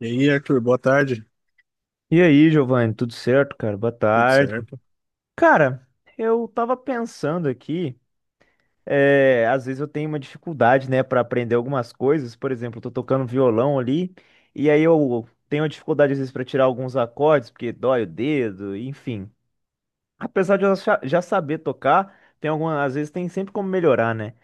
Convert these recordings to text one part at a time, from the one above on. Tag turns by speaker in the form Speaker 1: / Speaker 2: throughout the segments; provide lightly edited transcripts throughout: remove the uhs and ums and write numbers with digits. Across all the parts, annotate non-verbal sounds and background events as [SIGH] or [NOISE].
Speaker 1: E aí, Arthur, boa tarde.
Speaker 2: E aí, Giovanni, tudo certo, cara? Boa
Speaker 1: Tudo
Speaker 2: tarde.
Speaker 1: certo?
Speaker 2: Cara, eu tava pensando aqui, às vezes eu tenho uma dificuldade, né, pra aprender algumas coisas. Por exemplo, eu tô tocando violão ali, e aí eu tenho uma dificuldade às vezes pra tirar alguns acordes, porque dói o dedo, enfim. Apesar de eu já saber tocar, tem algumas, às vezes tem sempre como melhorar, né?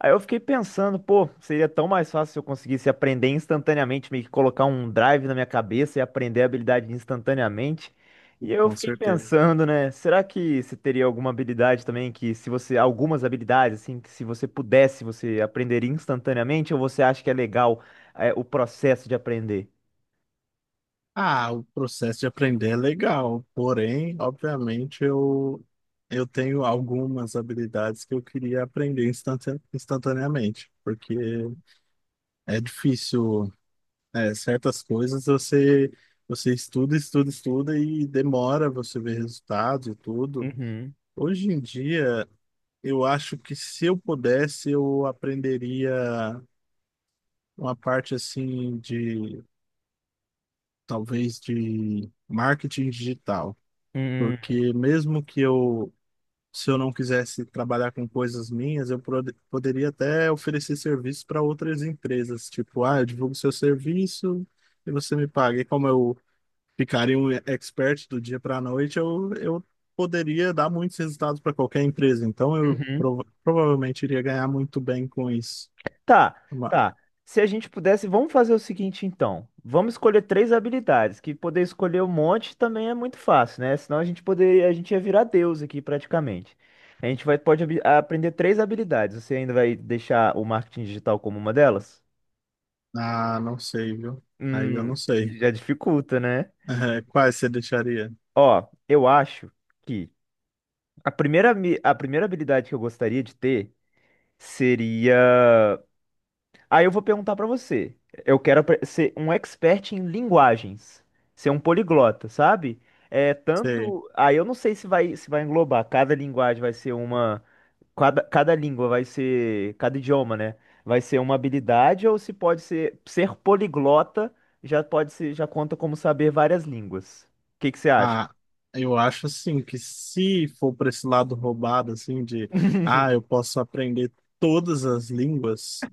Speaker 2: Aí eu fiquei pensando, pô, seria tão mais fácil se eu conseguisse aprender instantaneamente, meio que colocar um drive na minha cabeça e aprender a habilidade instantaneamente.
Speaker 1: Tudo.
Speaker 2: E eu
Speaker 1: Com
Speaker 2: fiquei
Speaker 1: certeza.
Speaker 2: pensando, né, será que você teria alguma habilidade também que se você, algumas habilidades assim, que se você pudesse, você aprenderia instantaneamente ou você acha que é legal, o processo de aprender?
Speaker 1: Ah, o processo de aprender é legal, porém, obviamente, eu tenho algumas habilidades que eu queria aprender instantaneamente, porque é difícil, certas coisas, você estuda, estuda, estuda e demora você ver resultados e tudo.
Speaker 2: Uhum.
Speaker 1: Hoje em dia, eu acho que se eu pudesse, eu aprenderia uma parte assim de talvez de marketing digital,
Speaker 2: Uhum.
Speaker 1: porque mesmo se eu não quisesse trabalhar com coisas minhas, eu poderia até oferecer serviço para outras empresas, tipo, ah, eu divulgo seu serviço e você me paga. E como eu ficaria um expert do dia para a noite, eu poderia dar muitos resultados para qualquer empresa, então eu
Speaker 2: Uhum.
Speaker 1: provavelmente iria ganhar muito bem com isso.
Speaker 2: Tá,
Speaker 1: Uma...
Speaker 2: tá. Se a gente pudesse, vamos fazer o seguinte então. Vamos escolher três habilidades, que poder escolher um monte também é muito fácil, né? Senão a gente poder, a gente ia virar deus aqui praticamente. A gente vai, pode aprender três habilidades. Você ainda vai deixar o marketing digital como uma delas?
Speaker 1: Ah, não sei, viu? Aí eu
Speaker 2: Hum,
Speaker 1: não sei.
Speaker 2: já dificulta, né?
Speaker 1: [LAUGHS] Quais você deixaria?
Speaker 2: Ó, eu acho que a primeira, a primeira habilidade que eu gostaria de ter. Aí eu vou perguntar pra você. Eu quero ser um expert em linguagens, ser um poliglota, sabe? É
Speaker 1: Sei.
Speaker 2: tanto. Aí eu não sei se vai englobar. Cada linguagem vai ser uma. Cada língua vai ser. Cada idioma, né? Vai ser uma habilidade ou se pode ser poliglota já pode ser já conta como saber várias línguas. O que que você acha?
Speaker 1: Ah, eu acho assim que se for para esse lado roubado, assim, de
Speaker 2: [LAUGHS]
Speaker 1: ah, eu posso aprender todas as línguas,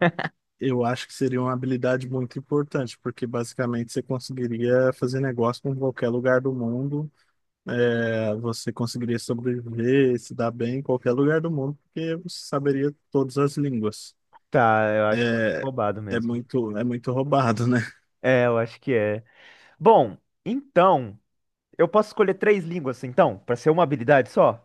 Speaker 1: eu acho que seria uma habilidade muito importante, porque basicamente você conseguiria fazer negócio com qualquer lugar do mundo, você conseguiria sobreviver, se dar bem em qualquer lugar do mundo, porque você saberia todas as línguas.
Speaker 2: Tá, eu acho que é muito
Speaker 1: É,
Speaker 2: roubado mesmo.
Speaker 1: é muito roubado, né?
Speaker 2: É, eu acho que é. Bom, então eu posso escolher três línguas, então, pra ser uma habilidade só?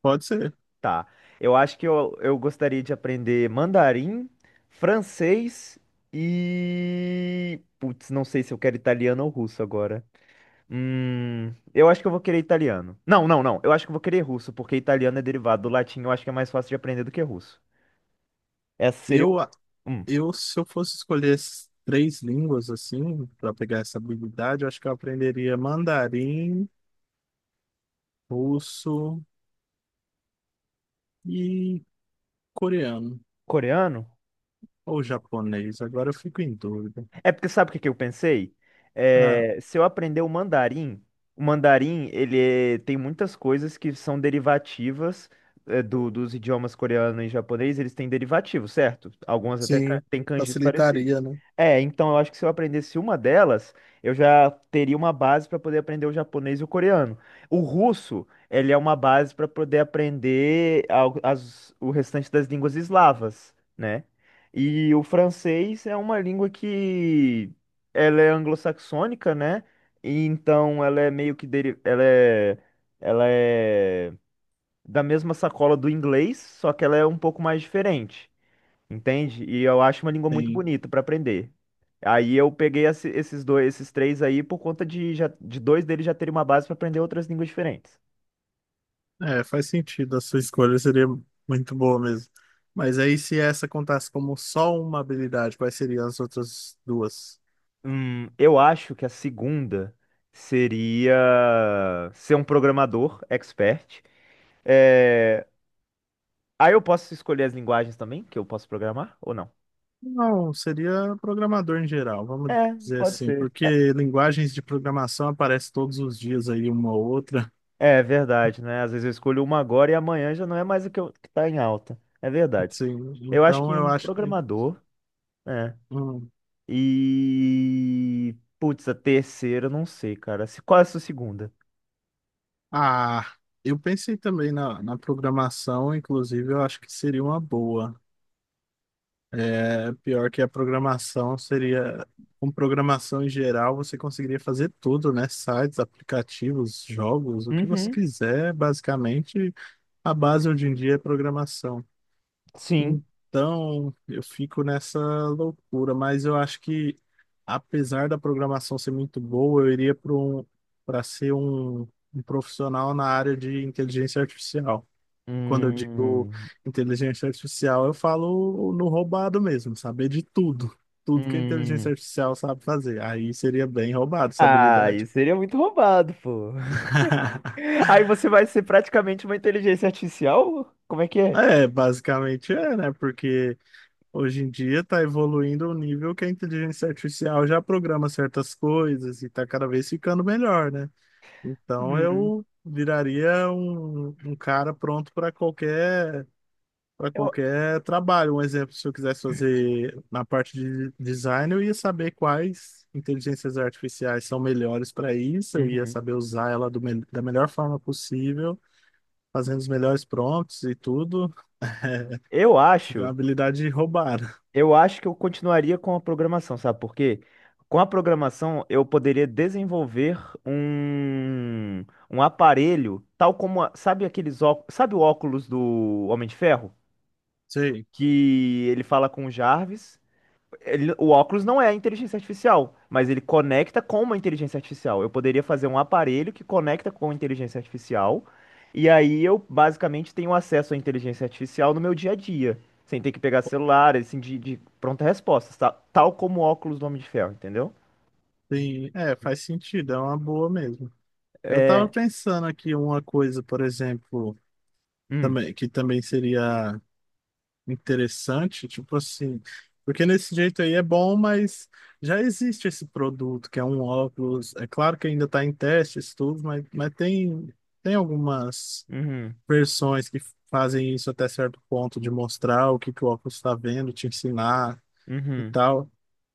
Speaker 1: Pode ser.
Speaker 2: Tá. Eu acho que eu gostaria de aprender mandarim, francês e. Putz, não sei se eu quero italiano ou russo agora. Eu acho que eu vou querer italiano. Não, não, não. Eu acho que eu vou querer russo, porque italiano é derivado do latim. Eu acho que é mais fácil de aprender do que russo. Essa seria.
Speaker 1: Eu,
Speaker 2: Hum,
Speaker 1: Eu, se eu fosse escolher as três línguas, assim, para pegar essa habilidade, eu acho que eu aprenderia mandarim, russo e coreano,
Speaker 2: coreano?
Speaker 1: ou japonês. Agora eu fico em dúvida.
Speaker 2: É porque sabe o que que eu pensei?
Speaker 1: Ah,
Speaker 2: É, se eu aprender o mandarim tem muitas coisas que são derivativas, dos idiomas coreano e japonês, eles têm derivativos, certo? Algumas até
Speaker 1: sim,
Speaker 2: têm kanjis parecidos.
Speaker 1: facilitaria, né?
Speaker 2: É, então eu acho que se eu aprendesse uma delas, eu já teria uma base para poder aprender o japonês e o coreano. O russo, ele é uma base para poder aprender o restante das línguas eslavas, né? E o francês é uma língua que ela é anglo-saxônica, né? E então ela é meio que ela é da mesma sacola do inglês, só que ela é um pouco mais diferente, entende? E eu acho uma língua muito
Speaker 1: Sim.
Speaker 2: bonita para aprender. Aí eu peguei esses dois, esses três aí por conta de já de dois deles já terem uma base para aprender outras línguas diferentes.
Speaker 1: É, faz sentido, a sua escolha seria muito boa mesmo. Mas aí, se essa contasse como só uma habilidade, quais seriam as outras duas?
Speaker 2: Eu acho que a segunda seria ser um programador expert. É... Aí eu posso escolher as linguagens também que eu posso programar ou não?
Speaker 1: Não, seria programador em geral, vamos
Speaker 2: É,
Speaker 1: dizer
Speaker 2: pode É.
Speaker 1: assim,
Speaker 2: ser.
Speaker 1: porque linguagens de programação aparecem todos os dias aí uma ou outra.
Speaker 2: É verdade, né? Às vezes eu escolho uma agora e amanhã já não é mais o que, eu, que tá em alta. É verdade.
Speaker 1: Sim,
Speaker 2: Eu acho
Speaker 1: então
Speaker 2: que
Speaker 1: eu
Speaker 2: um
Speaker 1: acho que...
Speaker 2: programador, né?
Speaker 1: hum,
Speaker 2: E. Putz, a terceira, eu não sei, cara. Qual é a sua segunda?
Speaker 1: ah, eu pensei também na programação, inclusive eu acho que seria uma boa. É, pior que a programação seria. Com programação em geral, você conseguiria fazer tudo, né? Sites, aplicativos, jogos, o que você
Speaker 2: Uhum,
Speaker 1: quiser, basicamente. A base hoje em dia é programação.
Speaker 2: sim.
Speaker 1: Então, eu fico nessa loucura, mas eu acho que, apesar da programação ser muito boa, eu iria para para ser um, um profissional na área de inteligência artificial. Quando eu digo
Speaker 2: Hum,
Speaker 1: inteligência artificial, eu falo no roubado mesmo, saber de tudo, tudo que a inteligência
Speaker 2: hum.
Speaker 1: artificial sabe fazer. Aí seria bem roubado essa
Speaker 2: Ah,
Speaker 1: habilidade.
Speaker 2: isso seria muito roubado, pô.
Speaker 1: [LAUGHS]
Speaker 2: [LAUGHS] Aí você vai ser praticamente uma inteligência artificial? Como é que é?
Speaker 1: É, basicamente é, né? Porque hoje em dia está evoluindo ao nível que a inteligência artificial já programa certas coisas e está cada vez ficando melhor, né? Então
Speaker 2: Uhum.
Speaker 1: eu viraria um cara pronto para
Speaker 2: Eu...
Speaker 1: qualquer trabalho. Um exemplo, se eu quisesse fazer na parte de design, eu ia saber quais inteligências artificiais são melhores para isso, eu ia
Speaker 2: Uhum.
Speaker 1: saber usar ela do da melhor forma possível, fazendo os melhores prompts e tudo. [LAUGHS]
Speaker 2: Eu
Speaker 1: Seria uma
Speaker 2: acho,
Speaker 1: habilidade roubada.
Speaker 2: eu acho que eu continuaria com a programação, sabe por quê? Com a programação eu poderia desenvolver um, um aparelho, tal como, sabe aqueles óculos, sabe o óculos do Homem de Ferro?
Speaker 1: Sei.
Speaker 2: Que ele fala com o Jarvis, o óculos não é inteligência artificial, mas ele conecta com uma inteligência artificial. Eu poderia fazer um aparelho que conecta com a inteligência artificial, e aí eu basicamente tenho acesso à inteligência artificial no meu dia a dia, sem ter que pegar celular, assim, de pronta resposta, tá? Tal como o óculos do Homem de Ferro, entendeu?
Speaker 1: Sim, é, faz sentido, é uma boa mesmo. Eu tava
Speaker 2: É.
Speaker 1: pensando aqui uma coisa, por exemplo,
Speaker 2: Hum,
Speaker 1: também, que também seria interessante, tipo assim, porque nesse jeito aí é bom, mas já existe esse produto, que é um óculos, é claro que ainda está em testes, tudo, mas, tem algumas
Speaker 2: uhum,
Speaker 1: versões que fazem isso até certo ponto, de mostrar o que que o óculos está vendo, te ensinar e
Speaker 2: uhum,
Speaker 1: tal.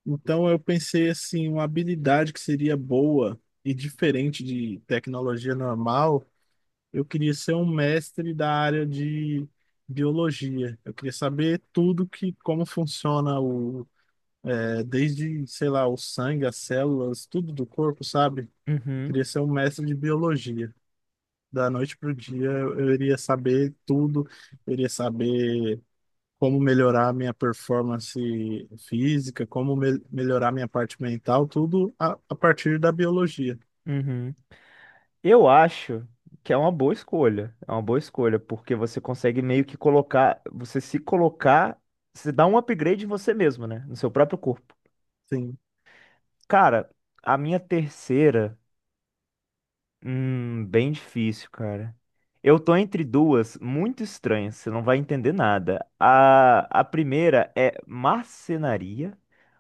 Speaker 1: Então eu pensei assim, uma habilidade que seria boa e diferente de tecnologia normal, eu queria ser um mestre da área de biologia. Eu queria saber tudo que como funciona o desde, sei lá, o sangue, as células, tudo do corpo, sabe? Eu
Speaker 2: uhum,
Speaker 1: queria ser um mestre de biologia. Da noite pro dia eu iria saber tudo, eu iria saber como melhorar minha performance física, como melhorar minha parte mental, tudo a partir da biologia.
Speaker 2: uhum. Eu acho que é uma boa escolha. É uma boa escolha, porque você consegue meio que colocar, você se colocar, você dá um upgrade em você mesmo, né? No seu próprio corpo.
Speaker 1: Sim,
Speaker 2: Cara, a minha terceira. Bem difícil, cara. Eu tô entre duas muito estranhas, você não vai entender nada. A primeira é marcenaria,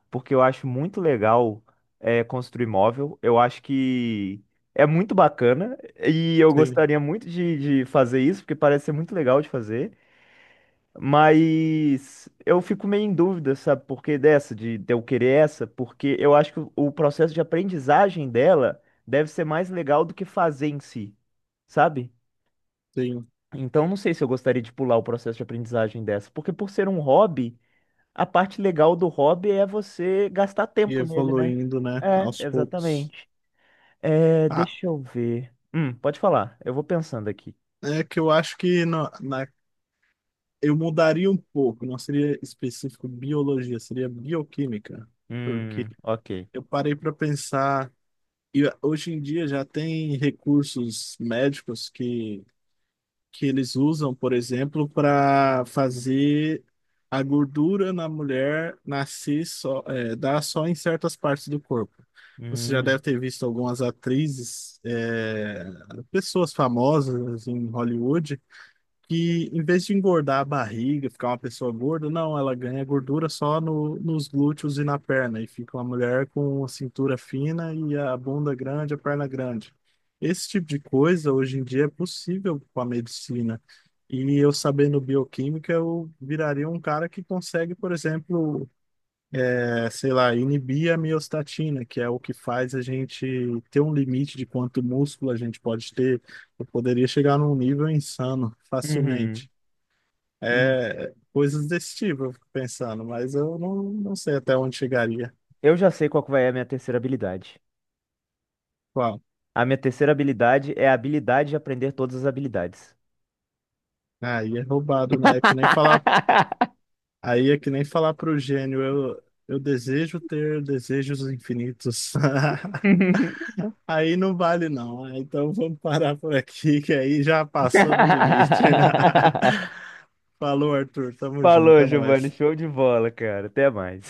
Speaker 2: porque eu acho muito legal, construir móvel. Eu acho que é muito bacana e eu
Speaker 1: sim,
Speaker 2: gostaria muito de fazer isso, porque parece ser muito legal de fazer. Mas eu fico meio em dúvida, sabe, por que dessa, de eu querer essa, porque eu acho que o processo de aprendizagem dela deve ser mais legal do que fazer em si, sabe?
Speaker 1: sim.
Speaker 2: Então não sei se eu gostaria de pular o processo de aprendizagem dessa, porque por ser um hobby, a parte legal do hobby é você gastar
Speaker 1: E
Speaker 2: tempo nele, né?
Speaker 1: evoluindo, né,
Speaker 2: É,
Speaker 1: aos poucos.
Speaker 2: exatamente. É,
Speaker 1: Ah,
Speaker 2: deixa eu ver. Pode falar, eu vou pensando aqui.
Speaker 1: é que eu acho que eu mudaria um pouco, não seria específico biologia, seria bioquímica, porque
Speaker 2: Ok.
Speaker 1: eu parei para pensar. E hoje em dia já tem recursos médicos que eles usam, por exemplo, para fazer a gordura na mulher nascer só, dar só em certas partes do corpo. Você já
Speaker 2: Hum,
Speaker 1: deve ter visto algumas atrizes, pessoas famosas em Hollywood que em vez de engordar a barriga, ficar uma pessoa gorda, não, ela ganha gordura só no, nos glúteos e na perna, e fica uma mulher com a cintura fina e a bunda grande, a perna grande. Esse tipo de coisa hoje em dia é possível com a medicina. E eu sabendo bioquímica, eu viraria um cara que consegue, por exemplo, sei lá, inibir a miostatina, que é o que faz a gente ter um limite de quanto músculo a gente pode ter. Eu poderia chegar num nível insano
Speaker 2: uhum,
Speaker 1: facilmente.
Speaker 2: uhum.
Speaker 1: É, coisas desse tipo, eu fico pensando, mas eu não, não sei até onde chegaria.
Speaker 2: Eu já sei qual que vai ser a minha terceira habilidade.
Speaker 1: Qual?
Speaker 2: A minha terceira habilidade é a habilidade de aprender todas as habilidades.
Speaker 1: Aí é roubado, né? É que nem falar,
Speaker 2: [LAUGHS]
Speaker 1: aí é que nem falar pro gênio, eu desejo ter desejos infinitos. [LAUGHS] Aí não vale, não, né? Então vamos parar por aqui, que aí já passou do limite. [LAUGHS] Falou, Arthur. Tamo junto,
Speaker 2: Falou,
Speaker 1: é
Speaker 2: Giovanni.
Speaker 1: nóis.
Speaker 2: Show de bola, cara. Até mais.